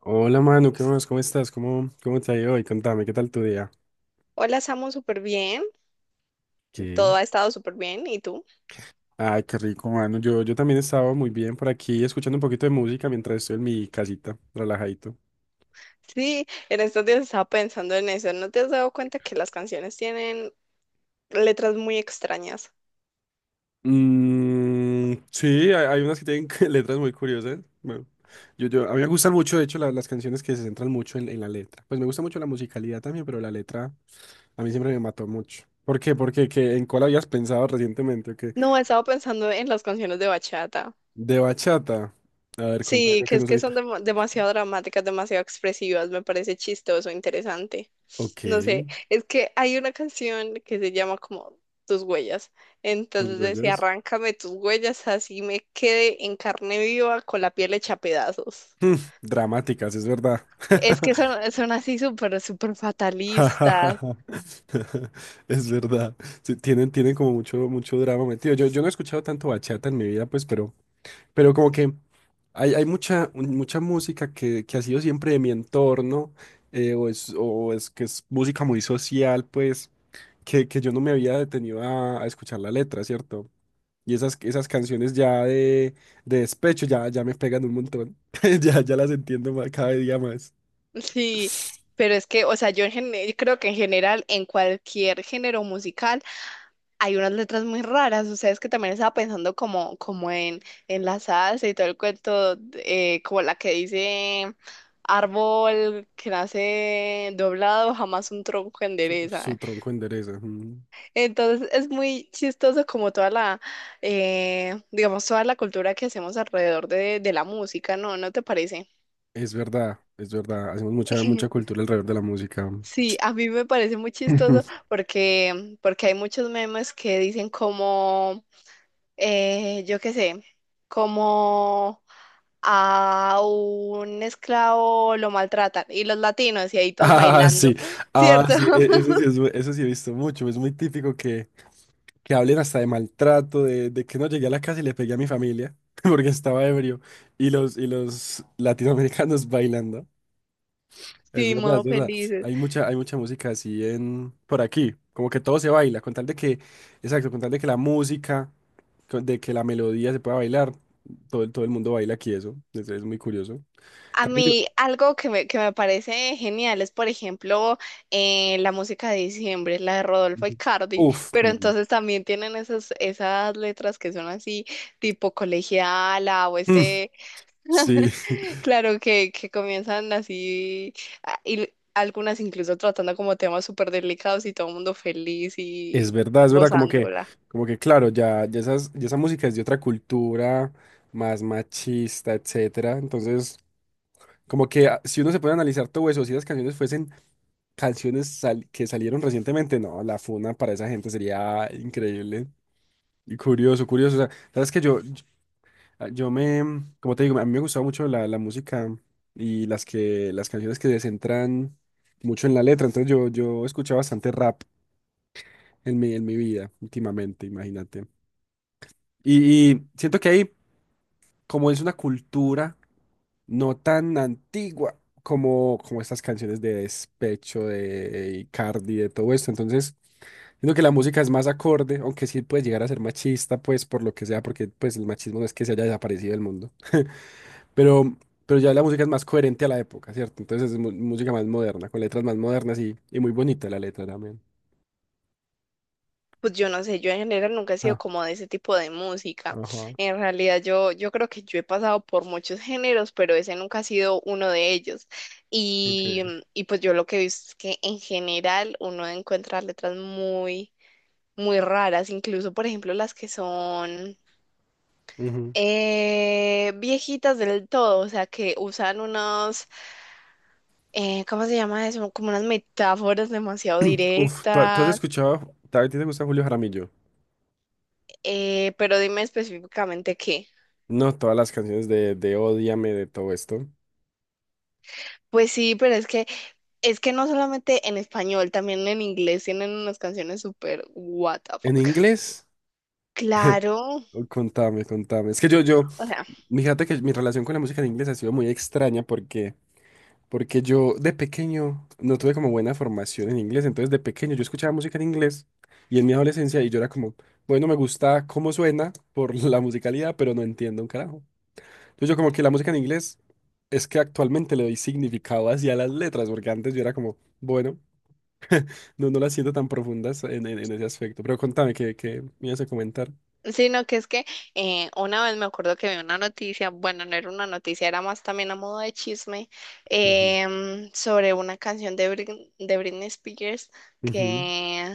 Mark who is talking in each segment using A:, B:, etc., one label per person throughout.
A: Hola Manu, ¿qué más? ¿Cómo estás? ¿Cómo te ha ido hoy? Contame, ¿qué tal tu día?
B: Hola, Samu, súper bien.
A: Ok.
B: Todo ha estado súper bien. ¿Y tú?
A: Ay, qué rico, mano. Yo también estaba muy bien por aquí escuchando un poquito de música mientras estoy en mi casita, relajadito.
B: Sí, en estos días estaba pensando en eso. ¿No te has dado cuenta que las canciones tienen letras muy extrañas?
A: Mm, sí, hay unas que tienen letras muy curiosas. Bueno, a mí me gustan mucho, de hecho, las canciones que se centran mucho en la letra. Pues me gusta mucho la musicalidad también, pero la letra a mí siempre me mató mucho. ¿Por qué? Porque ¿en cuál habías pensado recientemente? ¿O qué?
B: No, he estado pensando en las canciones de bachata.
A: De bachata. A ver, cuéntame,
B: Sí,
A: yo
B: que
A: que
B: es
A: no
B: que
A: soy
B: son
A: tan...
B: demasiado dramáticas, demasiado expresivas. Me parece chistoso, interesante.
A: Ok.
B: No sé, es que hay una canción que se llama como Tus huellas.
A: Sus
B: Entonces decía,
A: huellas
B: arráncame tus huellas, así me quede en carne viva con la piel hecha pedazos.
A: mm, dramáticas, es verdad.
B: Es que son así súper fatalistas.
A: Es verdad. Sí, tienen como mucho, mucho drama metido. Yo no he escuchado tanto bachata en mi vida, pues, pero como que hay mucha, mucha música que ha sido siempre de mi entorno, o es que es música muy social, pues, que yo no me había detenido a escuchar la letra, ¿cierto? Y esas canciones ya de despecho ya me pegan un montón. Ya las entiendo más, cada día más.
B: Sí,
A: Su,
B: pero es que, o sea, yo, yo creo que en general, en cualquier género musical, hay unas letras muy raras. O sea, es que también estaba pensando como en la salsa y todo el cuento, como la que dice árbol que nace doblado, jamás un tronco
A: su
B: endereza.
A: tronco endereza. Mm.
B: Entonces es muy chistoso como toda la, digamos, toda la cultura que hacemos alrededor de la música, ¿no? ¿No te parece?
A: Es verdad, es verdad. Hacemos mucha, mucha cultura alrededor de la música.
B: Sí, a mí me parece muy chistoso
A: Ujú.
B: porque, porque hay muchos memes que dicen como, yo qué sé, como a un esclavo lo maltratan y los latinos y ahí todos
A: Ah, sí,
B: bailando,
A: ah,
B: ¿cierto?
A: sí, eso sí, eso sí he visto mucho. Es muy típico que hablen hasta de maltrato, de que no llegué a la casa y le pegué a mi familia porque estaba ebrio y los latinoamericanos bailando. Es
B: Sí,
A: verdad, es
B: modo
A: verdad.
B: felices.
A: Hay mucha música así en por aquí. Como que todo se baila, con tal de que, exacto, con tal de que la música, de que la melodía se pueda bailar, todo, todo el mundo baila aquí eso. Es muy curioso. En
B: A
A: cambio yo.
B: mí algo que me parece genial es, por ejemplo, la música de diciembre, la de Rodolfo
A: Ujú.
B: Icardi,
A: Uf.
B: pero
A: Mm,
B: entonces también tienen esas, esas letras que son así, tipo colegiala o
A: mm,
B: este,
A: sí,
B: claro, que comienzan así, y algunas incluso tratando como temas súper delicados y todo el mundo feliz y
A: es verdad, es verdad. Como que,
B: gozándola.
A: como que claro, ya esa música es de otra cultura, más machista, etcétera. Entonces, como que ah, si uno se puede analizar todo eso, si las canciones fuesen canciones que salieron recientemente, no, la funa para esa gente sería increíble y curioso, curioso. O sea, sabes que yo me, como te digo, a mí me gustaba mucho la música y las canciones que se centran mucho en la letra. Entonces yo escuché bastante rap en mi vida últimamente, imagínate. Y siento que ahí como es una cultura no tan antigua como estas canciones de despecho, de Icardi, de todo esto. Entonces, siento que la música es más acorde, aunque sí puede llegar a ser machista, pues por lo que sea, porque pues el machismo no es que se haya desaparecido del mundo. Pero, pero ya la música es más coherente a la época, ¿cierto? Entonces música más moderna, con letras más modernas y muy bonita la letra también.
B: Pues yo no sé, yo en general nunca he
A: Ah,
B: sido como de ese tipo de música.
A: ajá,
B: En realidad yo, yo creo que yo he pasado por muchos géneros, pero ese nunca ha sido uno de ellos. Y,
A: ok.
B: y pues yo lo que he visto es que en general uno encuentra letras muy, muy raras, incluso por ejemplo las que son
A: Ujú.
B: viejitas del todo, o sea que usan unos, ¿cómo se llama eso? Como unas metáforas demasiado
A: Uf, ¿tú has
B: directas,
A: escuchado, a ti te gusta Julio Jaramillo?
B: pero dime específicamente qué.
A: No, todas las canciones de Ódiame, de todo esto.
B: Pues sí, pero es que es que no solamente en español, también en inglés tienen unas canciones súper what the
A: ¿En
B: fuck.
A: inglés?
B: Claro,
A: Oh, contame, contame. Es que
B: o sea,
A: fíjate que mi relación con la música en inglés ha sido muy extraña porque, yo de pequeño no tuve como buena formación en inglés. Entonces de pequeño yo escuchaba música en inglés y en mi adolescencia y yo era como, bueno, me gusta cómo suena por la musicalidad, pero no entiendo un carajo. Entonces yo como que la música en inglés es que actualmente le doy significado hacia las letras porque antes yo era como, bueno. No, no las siento tan profundas en ese aspecto. Pero contame, ¿qué me ibas a comentar?
B: sino que es que una vez me acuerdo que vi una noticia, bueno, no era una noticia, era más también a modo de chisme,
A: Ujú.
B: sobre una canción de, de Britney Spears
A: Ujú,
B: que,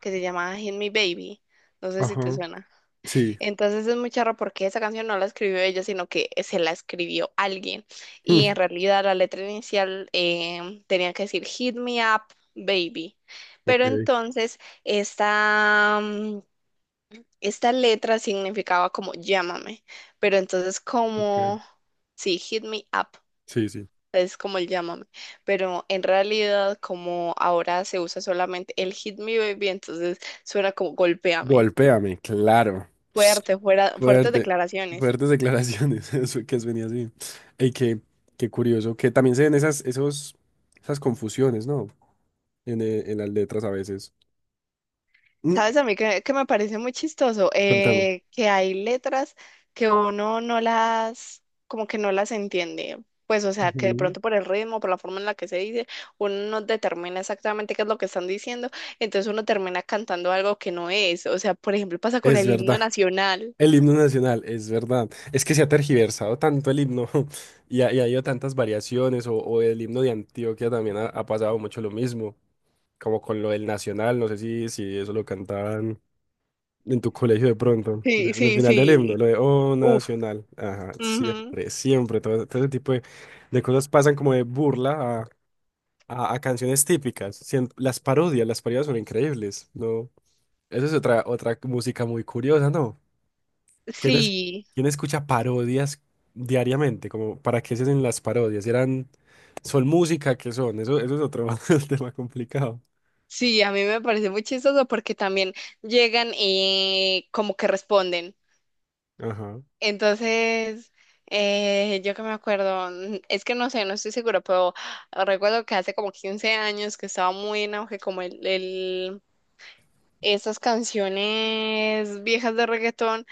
B: que se llamaba Hit Me Baby. No sé si te
A: ajá.
B: suena.
A: Sí.
B: Entonces es muy charro porque esa canción no la escribió ella, sino que se la escribió alguien. Y en
A: Hmm,
B: realidad la letra inicial tenía que decir Hit me up, baby.
A: ok,
B: Pero entonces esta esta letra significaba como llámame. Pero entonces
A: ok.
B: como, sí, hit me up.
A: Sí, sí.
B: Es como el llámame, pero en realidad como ahora se usa solamente el hit me baby, entonces suena como golpéame.
A: Golpéame, claro.
B: Fuerte, fuera, fuertes
A: Fuerte.
B: declaraciones.
A: Fuertes declaraciones. Eso que es venía así. Y qué curioso. Que también se ven esas confusiones, ¿no? En las letras a veces. Mm,
B: ¿Sabes a mí que me parece muy chistoso?
A: Contame.
B: Que hay letras que uno no las, como que no las entiende. Pues, o sea, que de
A: Ujú.
B: pronto por el ritmo, por la forma en la que se dice, uno no determina exactamente qué es lo que están diciendo, entonces uno termina cantando algo que no es. O sea, por ejemplo, pasa con
A: Es
B: el himno
A: verdad.
B: nacional.
A: El himno nacional, es verdad. Es que se ha tergiversado tanto el himno y ha habido tantas variaciones. O el himno de Antioquia también ha pasado mucho lo mismo, como con lo del nacional. No sé si eso lo cantaban en tu colegio de pronto,
B: Sí,
A: en el
B: sí,
A: final del himno,
B: sí.
A: lo de Oh
B: Uf.
A: Nacional. Ajá,
B: Ujú.
A: siempre, siempre. Todo ese tipo de cosas pasan como de burla a canciones típicas. Las parodias son increíbles, ¿no? Eso es otra música muy curiosa, ¿no? ¿Quién es,
B: Sí,
A: quién escucha parodias diariamente? Como, ¿para qué se hacen las parodias? ¿Son música? ¿Qué son? Eso es otro tema complicado.
B: sí, a mí me parece muy chistoso porque también llegan y como que responden.
A: Ajá,
B: Entonces, yo que me acuerdo, es que no sé, no estoy segura, pero recuerdo que hace como 15 años que estaba muy en auge como esas canciones viejas de reggaetón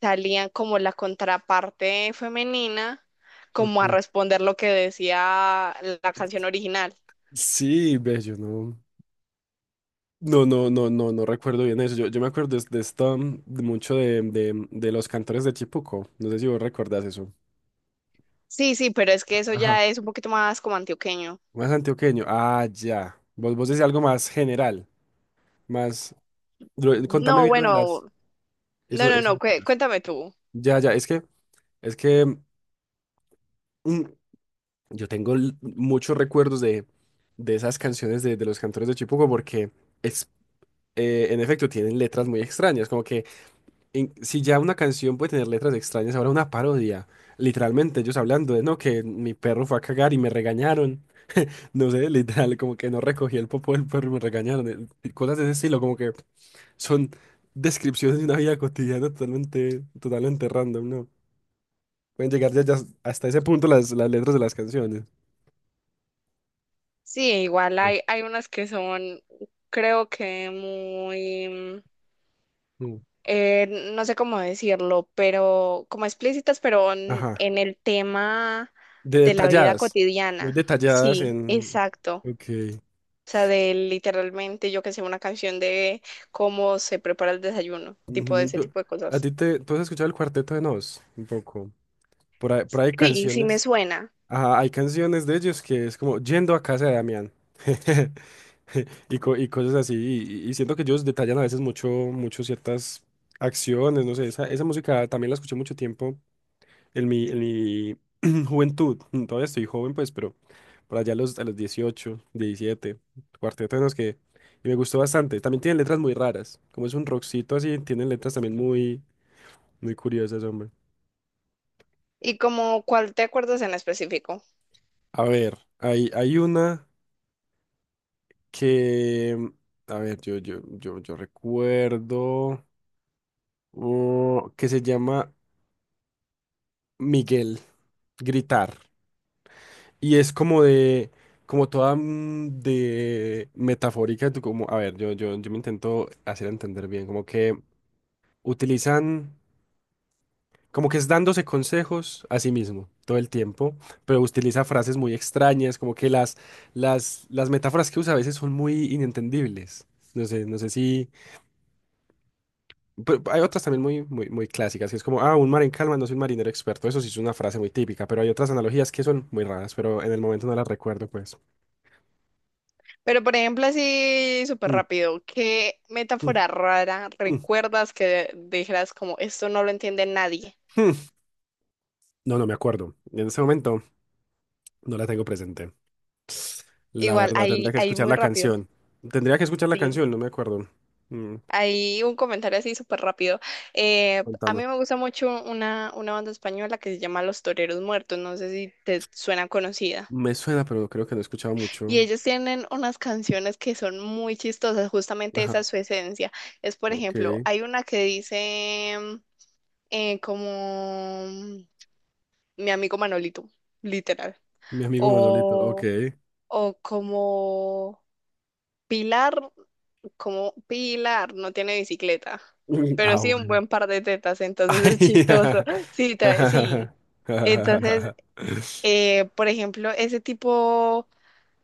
B: salían como la contraparte femenina, como a
A: ok.
B: responder lo que decía la canción original.
A: Sí, ve, yo no. No, no, no, no, no recuerdo bien eso. Yo me acuerdo de esta, de, los cantores de Chipuco. No sé si vos recordás eso.
B: Sí, sí, pero es que eso
A: Ajá.
B: ya es un poquito más como antioqueño.
A: Más antioqueño. Ah, ya. Vos decís algo más general, más... Contame
B: No,
A: bien lo de
B: bueno,
A: las...
B: no,
A: Eso,
B: no, no,
A: eso.
B: cuéntame tú.
A: Ya, ya, es que mm, yo tengo muchos recuerdos de esas canciones de los cantores de Chipuco porque es, en efecto tienen letras muy extrañas, como que si ya una canción puede tener letras extrañas, ahora una parodia, literalmente ellos hablando de, no, que mi perro fue a cagar y me regañaron, no sé, literal, como que no recogí el popo del perro y me regañaron, y cosas de ese estilo, como que son descripciones de una vida cotidiana totalmente, totalmente random, ¿no? Pueden llegar ya hasta ese punto las letras de las canciones.
B: Sí, igual
A: Sí.
B: hay, hay unas que son, creo que muy,
A: Mm.
B: eh, no sé cómo decirlo, pero como explícitas, pero
A: Ajá.
B: en el tema
A: De
B: de la vida
A: detalladas, muy
B: cotidiana.
A: detalladas
B: Sí,
A: en...
B: exacto.
A: Ok.
B: O sea, de literalmente, yo que sé, una canción de cómo se prepara el desayuno, tipo de
A: Ujú,
B: ese tipo de cosas.
A: ¿Tú has escuchado el Cuarteto de Nos? Un poco. Por ahí hay
B: Sí, sí me
A: canciones.
B: suena.
A: Ajá, hay canciones de ellos que es como yendo a casa de Damián. Y cosas así. Y siento que ellos detallan a veces mucho, mucho ciertas acciones, no sé. Esa música también la escuché mucho tiempo en mi juventud, todavía estoy joven, pues, pero por allá a los, 18 17, Cuarteto de Nos, que... Y me gustó bastante. También tienen letras muy raras. Como es un rockcito así, tienen letras también muy, muy curiosas, hombre.
B: ¿Y como cuál te acuerdas en específico?
A: A ver, hay una que... mm, a ver, yo recuerdo... oh, que se llama Miguel, Gritar. Y es como de, como toda de metafórica, tú como, a ver, yo me intento hacer entender bien, como que utilizan, como que es dándose consejos a sí mismo todo el tiempo, pero utiliza frases muy extrañas, como que las metáforas que usa a veces son muy inentendibles. No sé si, pero hay otras también muy, muy, muy clásicas, que es como, ah, un mar en calma no es un marinero experto, eso sí es una frase muy típica, pero hay otras analogías que son muy raras, pero en el momento no las recuerdo, pues.
B: Pero por ejemplo, así súper
A: Mm,
B: rápido, ¿qué
A: mm,
B: metáfora rara
A: mm.
B: recuerdas que dijeras como esto no lo entiende nadie?
A: No, no me acuerdo. En ese momento no la tengo presente. La
B: Igual,
A: verdad,
B: ahí,
A: tendría que
B: ahí
A: escuchar
B: muy
A: la
B: rápido,
A: canción. Tendría que escuchar la
B: sí.
A: canción, no me acuerdo. Mm,
B: Ahí un comentario así súper rápido. A
A: contame.
B: mí me gusta mucho una banda española que se llama Los Toreros Muertos, no sé si te suena conocida.
A: Me suena, pero creo que no he escuchado
B: Y
A: mucho.
B: ellos tienen unas canciones que son muy chistosas, justamente esa
A: Ajá,
B: es su esencia. Es, por ejemplo,
A: ok.
B: hay una que dice como... mi amigo Manolito, literal.
A: Mi amigo Manolito, ok.
B: O, o Pilar, como Pilar no tiene bicicleta,
A: Mm,
B: pero
A: ah,
B: sí un
A: bueno.
B: buen par de tetas, entonces
A: Ay,
B: es chistoso. Sí, sí. Entonces, por ejemplo, ese tipo,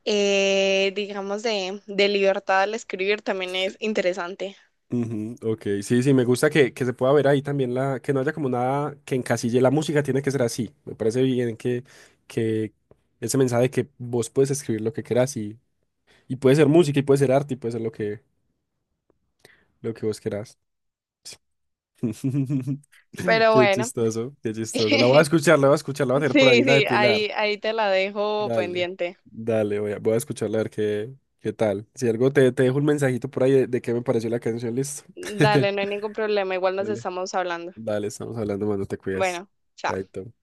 B: digamos, de libertad al escribir también es interesante.
A: ujú, ok, sí, sí, me gusta que se pueda ver ahí también que no haya como nada que encasille la música, tiene que ser así. Me parece bien que ese mensaje de que vos puedes escribir lo que quieras y puede ser música, y puede ser arte, y puede ser lo que vos querás.
B: Pero
A: Qué
B: bueno,
A: chistoso, qué chistoso. La voy a
B: sí,
A: escuchar, la voy a escuchar, la voy a tener por ahí, la de
B: sí,
A: Pilar.
B: ahí, ahí te la dejo
A: Dale,
B: pendiente.
A: dale, voy a escucharla a ver qué tal. Si algo te dejo un mensajito por ahí de qué me pareció la canción, listo.
B: Dale, no hay ningún problema, igual nos
A: Dale,
B: estamos hablando.
A: dale, estamos hablando, mano, te cuidas.
B: Bueno, chao.
A: Chaito.